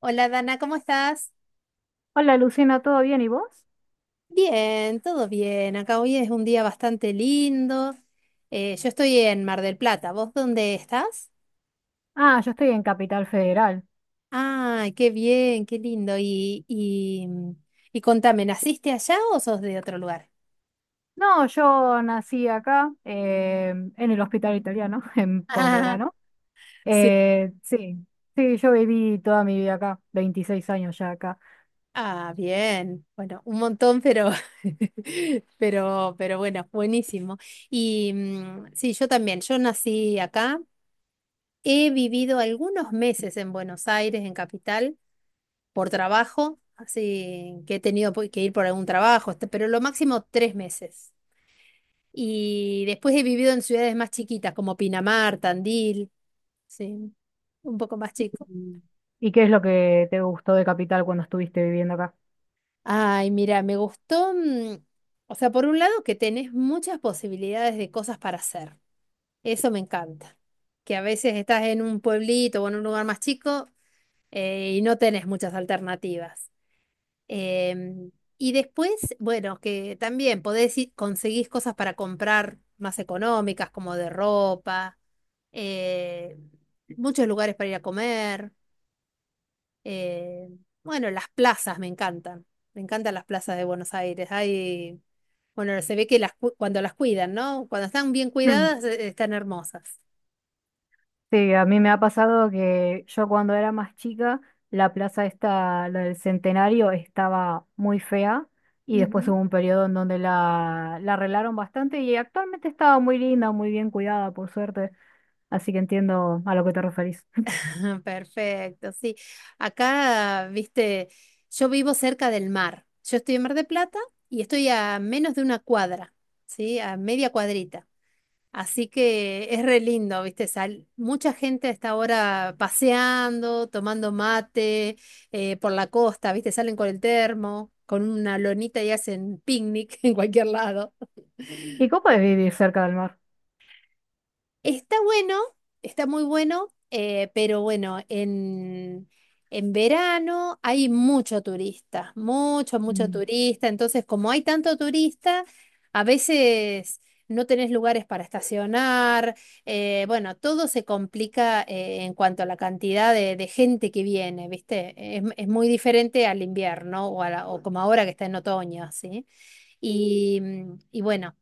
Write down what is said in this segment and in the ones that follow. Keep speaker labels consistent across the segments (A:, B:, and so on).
A: Hola Dana, ¿cómo estás?
B: Hola Lucina, ¿todo bien? ¿Y vos?
A: Bien, todo bien. Acá hoy es un día bastante lindo. Yo estoy en Mar del Plata. ¿Vos dónde estás?
B: Ah, yo estoy en Capital Federal.
A: Ay, qué bien, qué lindo. Y contame, ¿naciste allá o sos de otro lugar?
B: No, yo nací acá, en el hospital italiano, en por
A: Ah,
B: Medrano.
A: sí.
B: Sí, sí, yo viví toda mi vida acá, 26 años ya acá.
A: Ah, bien. Bueno, un montón, pero, pero bueno, buenísimo. Y sí, yo también. Yo nací acá. He vivido algunos meses en Buenos Aires, en Capital, por trabajo, así que he tenido que ir por algún trabajo, este, pero lo máximo tres meses. Y después he vivido en ciudades más chiquitas, como Pinamar, Tandil, sí, un poco más chico.
B: ¿Y y qué es lo que te gustó de Capital cuando estuviste viviendo acá?
A: Ay, mira, me gustó, o sea, por un lado, que tenés muchas posibilidades de cosas para hacer, eso me encanta. Que a veces estás en un pueblito o en un lugar más chico y no tenés muchas alternativas. Em, y después, bueno, que también conseguís cosas para comprar más económicas, como de ropa, eh, muchos lugares para ir a comer, eh, bueno, las plazas me encantan. Me encantan las plazas de Buenos Aires. Hay, bueno, se ve que cuando las cuidan, ¿no? Cuando están bien cuidadas, están hermosas.
B: Sí, a mí me ha pasado que yo cuando era más chica, la plaza esta, la del Centenario, estaba muy fea y después hubo un periodo en donde la arreglaron bastante y actualmente estaba muy linda, muy bien cuidada, por suerte, así que entiendo a lo que te referís.
A: Perfecto, sí. Acá, viste, yo vivo cerca del mar. Yo estoy en Mar de Plata y estoy a menos de una cuadra, ¿sí? A media cuadrita. Así que es re lindo, viste, sal. Mucha gente está ahora paseando, tomando mate, por la costa, viste, salen con el termo, con una lonita y hacen picnic en cualquier lado.
B: ¿Y cómo podés vivir cerca del mar?
A: Está bueno, está muy bueno, pero bueno, en verano hay mucho turista, mucho
B: Mm.
A: turista. Entonces, como hay tanto turista, a veces no tenés lugares para estacionar, bueno, todo se complica en cuanto a la cantidad de gente que viene, ¿viste? Es muy diferente al invierno o, o como ahora que está en otoño, ¿sí? Y, y bueno,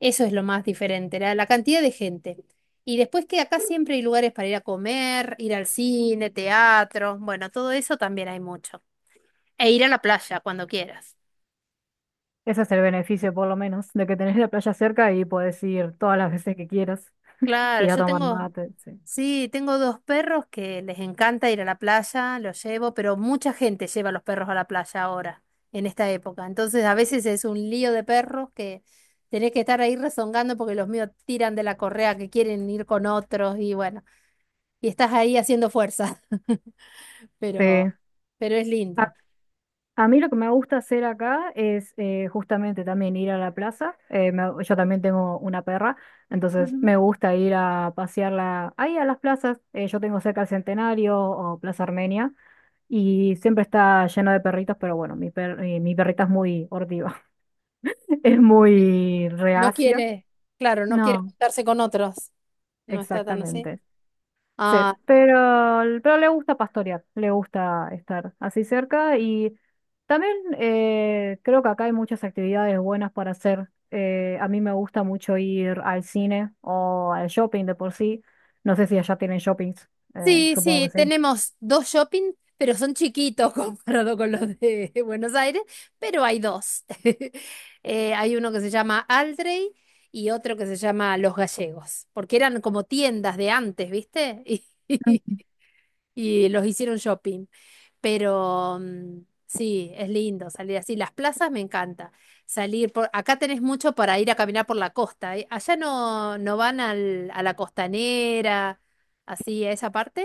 A: eso es lo más diferente, la cantidad de gente. Y después que acá siempre hay lugares para ir a comer, ir al cine, teatro, bueno, todo eso también hay mucho. E ir a la playa cuando quieras.
B: Ese es el beneficio, por lo menos, de que tenés la playa cerca y podés ir todas las veces que quieras,
A: Claro,
B: ir a
A: yo
B: tomar
A: tengo,
B: mate, sí.
A: sí, tengo dos perros que les encanta ir a la playa, los llevo, pero mucha gente lleva a los perros a la playa ahora, en esta época. Entonces a veces es un lío de perros, que tenés que estar ahí rezongando porque los míos tiran de la correa, que quieren ir con otros y bueno, y estás ahí haciendo fuerza,
B: Sí.
A: pero, pero es lindo.
B: A mí lo que me gusta hacer acá es justamente también ir a la plaza. Yo también tengo una perra, entonces
A: Ujú.
B: me gusta ir a pasearla ahí a las plazas. Yo tengo cerca el Centenario o Plaza Armenia y siempre está lleno de perritos, pero bueno, mi perrita es muy hortiva, es muy
A: No
B: reacia.
A: quiere, claro, no quiere
B: No,
A: juntarse con otros. No está tan así.
B: exactamente. Sí,
A: Ah,
B: pero, pero le gusta pastorear, le gusta estar así cerca y también creo que acá hay muchas actividades buenas para hacer. A mí me gusta mucho ir al cine o al shopping de por sí. No sé si allá tienen shoppings,
A: sí,
B: supongo que
A: sí,
B: sí.
A: tenemos dos shopping, pero son chiquitos comparado con los de Buenos Aires, pero hay dos. Hay uno que se llama Aldrey y otro que se llama Los Gallegos, porque eran como tiendas de antes, ¿viste? Y, y los hicieron shopping. Pero sí, es lindo salir así. Las plazas me encanta. Salir por acá tenés mucho para ir a caminar por la costa, ¿eh? Allá no, no van al, a la costanera, así a esa parte.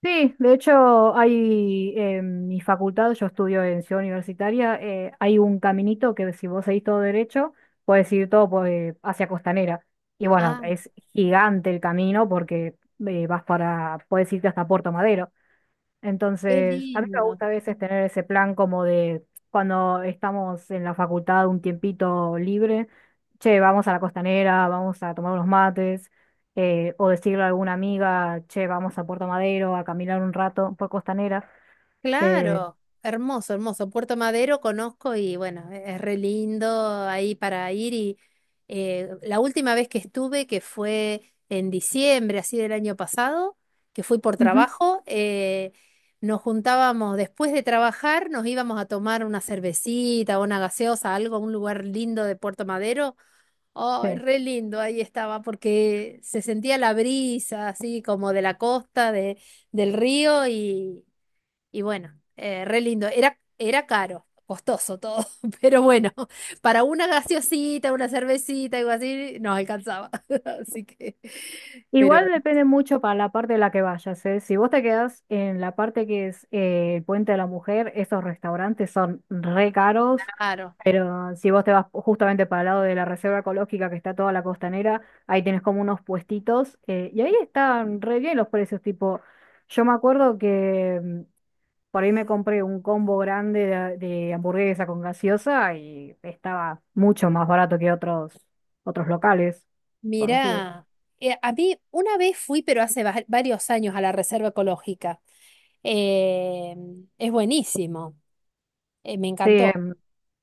B: Sí, de hecho hay en mi facultad, yo estudio en Ciudad Universitaria, hay un caminito que si vos seguís todo derecho, puedes ir todo hacia Costanera. Y bueno,
A: Ah,
B: es gigante el camino porque puedes irte hasta Puerto Madero.
A: qué
B: Entonces, a mí me
A: lindo.
B: gusta a veces tener ese plan como de cuando estamos en la facultad un tiempito libre, che, vamos a la costanera, vamos a tomar unos mates, o decirle a alguna amiga, che, vamos a Puerto Madero a caminar un rato por costanera. Eh,
A: Claro, hermoso, hermoso. Puerto Madero conozco y bueno, es re lindo ahí para ir y la última vez que estuve, que fue en diciembre, así del año pasado, que fui por
B: ujú,
A: trabajo, nos juntábamos después de trabajar, nos íbamos a tomar una cervecita, una gaseosa, algo, un lugar lindo de Puerto Madero. Ay,
B: sí.
A: re lindo, ahí estaba, porque se sentía la brisa así como de la costa, de, del río y bueno, re lindo. Era, era caro, costoso todo, pero bueno, para una gaseosita, una cervecita, algo así, nos alcanzaba. Así que, pero
B: Igual depende mucho para la parte de la que vayas, ¿eh? Si vos te quedás en la parte que es el Puente de la Mujer, esos restaurantes son re caros,
A: claro,
B: pero si vos te vas justamente para el lado de la reserva ecológica que está toda la costanera, ahí tenés como unos puestitos y ahí están re bien los precios, tipo, yo me acuerdo que mm, por ahí me compré un combo grande de hamburguesa con gaseosa y estaba mucho más barato que otros, otros locales conocidos.
A: mira, a mí una vez fui, pero hace varios años, a la Reserva Ecológica. Eh, es buenísimo, me
B: Sí,
A: encantó.
B: em,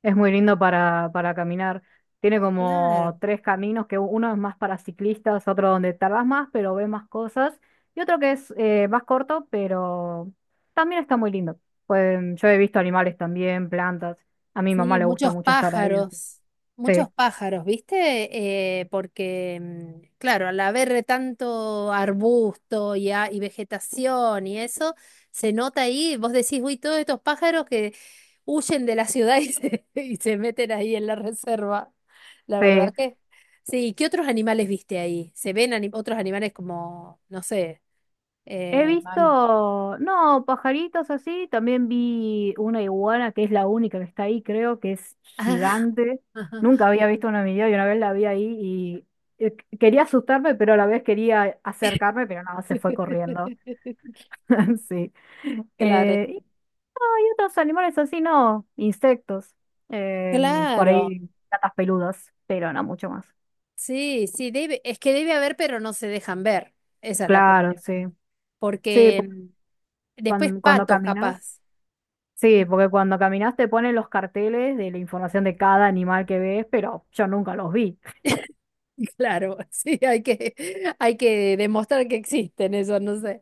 B: es muy lindo para caminar. Tiene
A: Claro.
B: como tres caminos, que uno es más para ciclistas, otro donde tardas más, pero ves más cosas, y otro que es más corto, pero también está muy lindo. Pues yo he visto animales también, plantas. A mi mamá
A: Sí,
B: le gusta mucho estar ahí. Así. Sí,
A: muchos pájaros, ¿viste? Porque, claro, al haber tanto arbusto y, y vegetación y eso, se nota ahí, vos decís, uy, todos estos pájaros que huyen de la ciudad y se, y se meten ahí en la reserva. La
B: sí.
A: verdad que... Sí, ¿qué otros animales viste ahí? ¿Se ven otros animales como, no sé,
B: He
A: eh, mam-
B: visto, no, pajaritos así, también vi una iguana que es la única que está ahí, creo que es gigante.
A: ajá.
B: Nunca había visto una en mi vida y una vez la vi ahí y quería asustarme, pero a la vez quería acercarme, pero nada, se fue corriendo. Sí.
A: Claro,
B: Eh, y otros animales así, no, insectos, em, por
A: claro.
B: ahí gatas peludas, pero no mucho más.
A: Sí, sí, debe, es que debe haber, pero no se dejan ver. Esa es la
B: Claro,
A: cuestión.
B: sí. Sí,
A: Porque
B: porque
A: después
B: cuando,
A: patos,
B: caminas.
A: capaz.
B: Sí, porque cuando caminas te ponen los carteles de la información de cada animal que ves, pero yo nunca los vi.
A: Claro, sí, hay que demostrar que existen, eso no sé.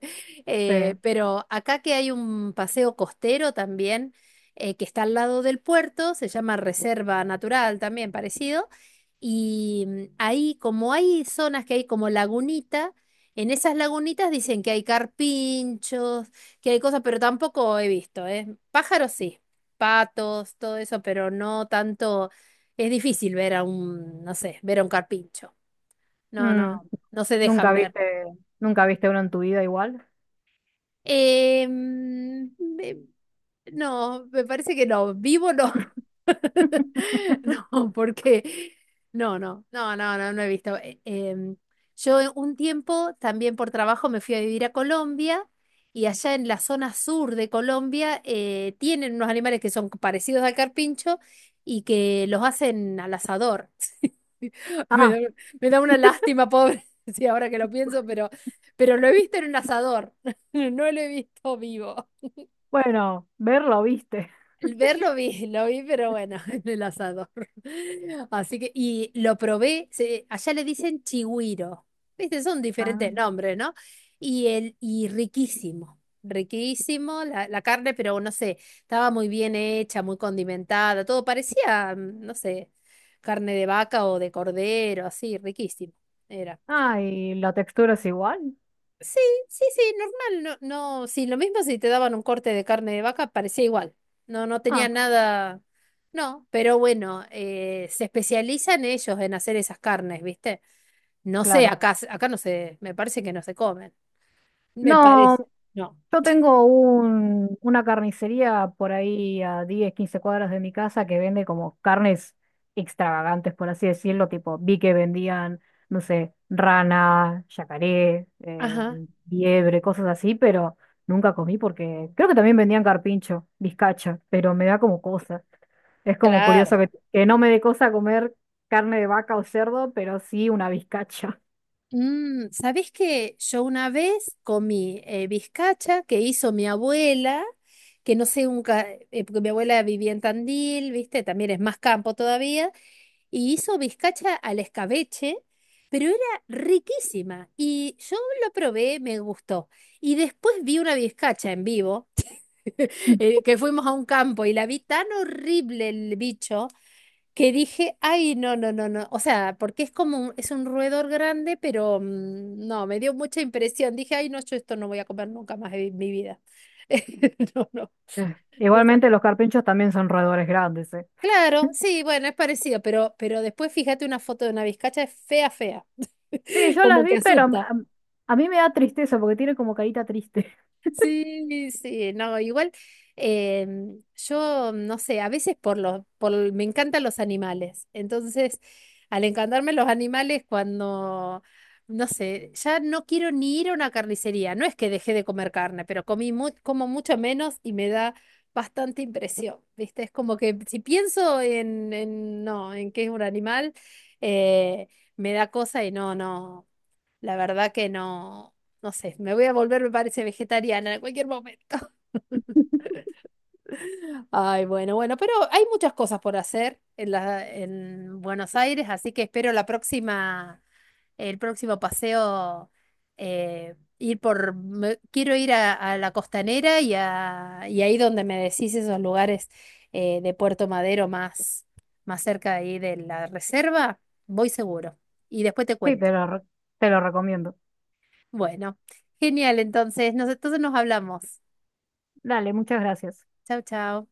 B: Sí.
A: Pero acá que hay un paseo costero también, que está al lado del puerto, se llama Reserva Natural también, parecido, y ahí como hay zonas que hay como lagunita, en esas lagunitas dicen que hay carpinchos, que hay cosas, pero tampoco he visto, ¿eh? Pájaros sí, patos, todo eso, pero no tanto, es difícil ver a un, no sé, ver a un carpincho. No,
B: Mm,
A: no, no se
B: nunca
A: dejan ver.
B: viste, nunca viste uno en tu vida igual.
A: Eh, mm, me- no, me parece que no, vivo no. No, porque no, no, no, no, no, no he visto. Yo en un tiempo también por trabajo me fui a vivir a Colombia y allá en la zona sur de Colombia tienen unos animales que son parecidos al carpincho y que los hacen al asador. Me da,
B: Ah,
A: me da una lástima, pobre, sí, ahora que lo pienso, pero lo he visto en un asador, no lo he visto vivo.
B: bueno, verlo viste.
A: El ver lo vi, lo vi, pero bueno, en el asador. Así que, y lo probé, allá le dicen chigüiro, ¿viste? Son
B: Ah,
A: diferentes nombres, ¿no? Y, el, y riquísimo, riquísimo la, la carne, pero no sé, estaba muy bien hecha, muy condimentada, todo parecía, no sé, carne de vaca o de cordero, así, riquísimo. Era.
B: ah, y la textura es igual.
A: Sí, sí, sí, normal, no, no, sí, lo mismo si te daban un corte de carne de vaca, parecía igual, no, no tenía
B: Ah,
A: nada, no, pero bueno, se especializan ellos en hacer esas carnes, ¿viste? No sé,
B: claro.
A: acá, acá no se, me parece que no se comen, me
B: No,
A: parece, no,
B: yo tengo una carnicería por ahí a 10 o 15 cuadras de mi casa que vende como carnes extravagantes, por así decirlo, tipo vi que vendían, no sé, rana, yacaré,
A: ajá,
B: liebre, cosas así, pero nunca comí porque creo que también vendían carpincho, bizcacha, pero me da como cosa. Es como
A: claro.
B: curioso que no me dé cosa comer carne de vaca o cerdo, pero sí una bizcacha.
A: ¿Sabés qué? Yo una vez comí bizcacha que hizo mi abuela, que no sé, nunca, porque mi abuela vivía en Tandil, ¿viste? También es más campo todavía, y hizo bizcacha al escabeche, pero era riquísima. Y yo lo probé, me gustó. Y después vi una bizcacha en vivo, que fuimos a un campo y la vi tan horrible el bicho, que dije, ay, no, no, no, no. O sea, porque es como un, es un roedor grande, pero no, me dio mucha impresión. Dije, ay, no, yo esto no voy a comer nunca más en mi vida. No, no. esa-
B: Igualmente los carpinchos también son roedores grandes, eh.
A: Claro, sí, bueno, es parecido, pero después fíjate una foto de una vizcacha, es fea, fea,
B: Sí, yo las
A: como que
B: vi, pero
A: asusta.
B: a mí me da tristeza porque tiene como carita triste.
A: Sí, sí, no, igual yo no sé, a veces por los, por, me encantan los animales, entonces al encantarme los animales cuando, no sé, ya no quiero ni ir a una carnicería, no es que dejé de comer carne, pero comí como mucho menos y me da bastante impresión, ¿viste? Es como que si pienso en no, en qué es un animal, eh, me da cosa y no, no. La verdad que no, no sé, me voy a volver, me parece, vegetariana en cualquier momento. Ay, bueno, bueno, pero hay muchas cosas por hacer en la, en Buenos Aires, así que espero la próxima, el próximo paseo, ir por, quiero ir a la costanera y, a, y ahí donde me decís esos lugares de Puerto Madero más, más cerca de ahí de la reserva, voy seguro. Y después te
B: Sí,
A: cuento.
B: te lo recomiendo.
A: Bueno, genial, entonces nos hablamos.
B: Dale, muchas gracias.
A: Chao, chao.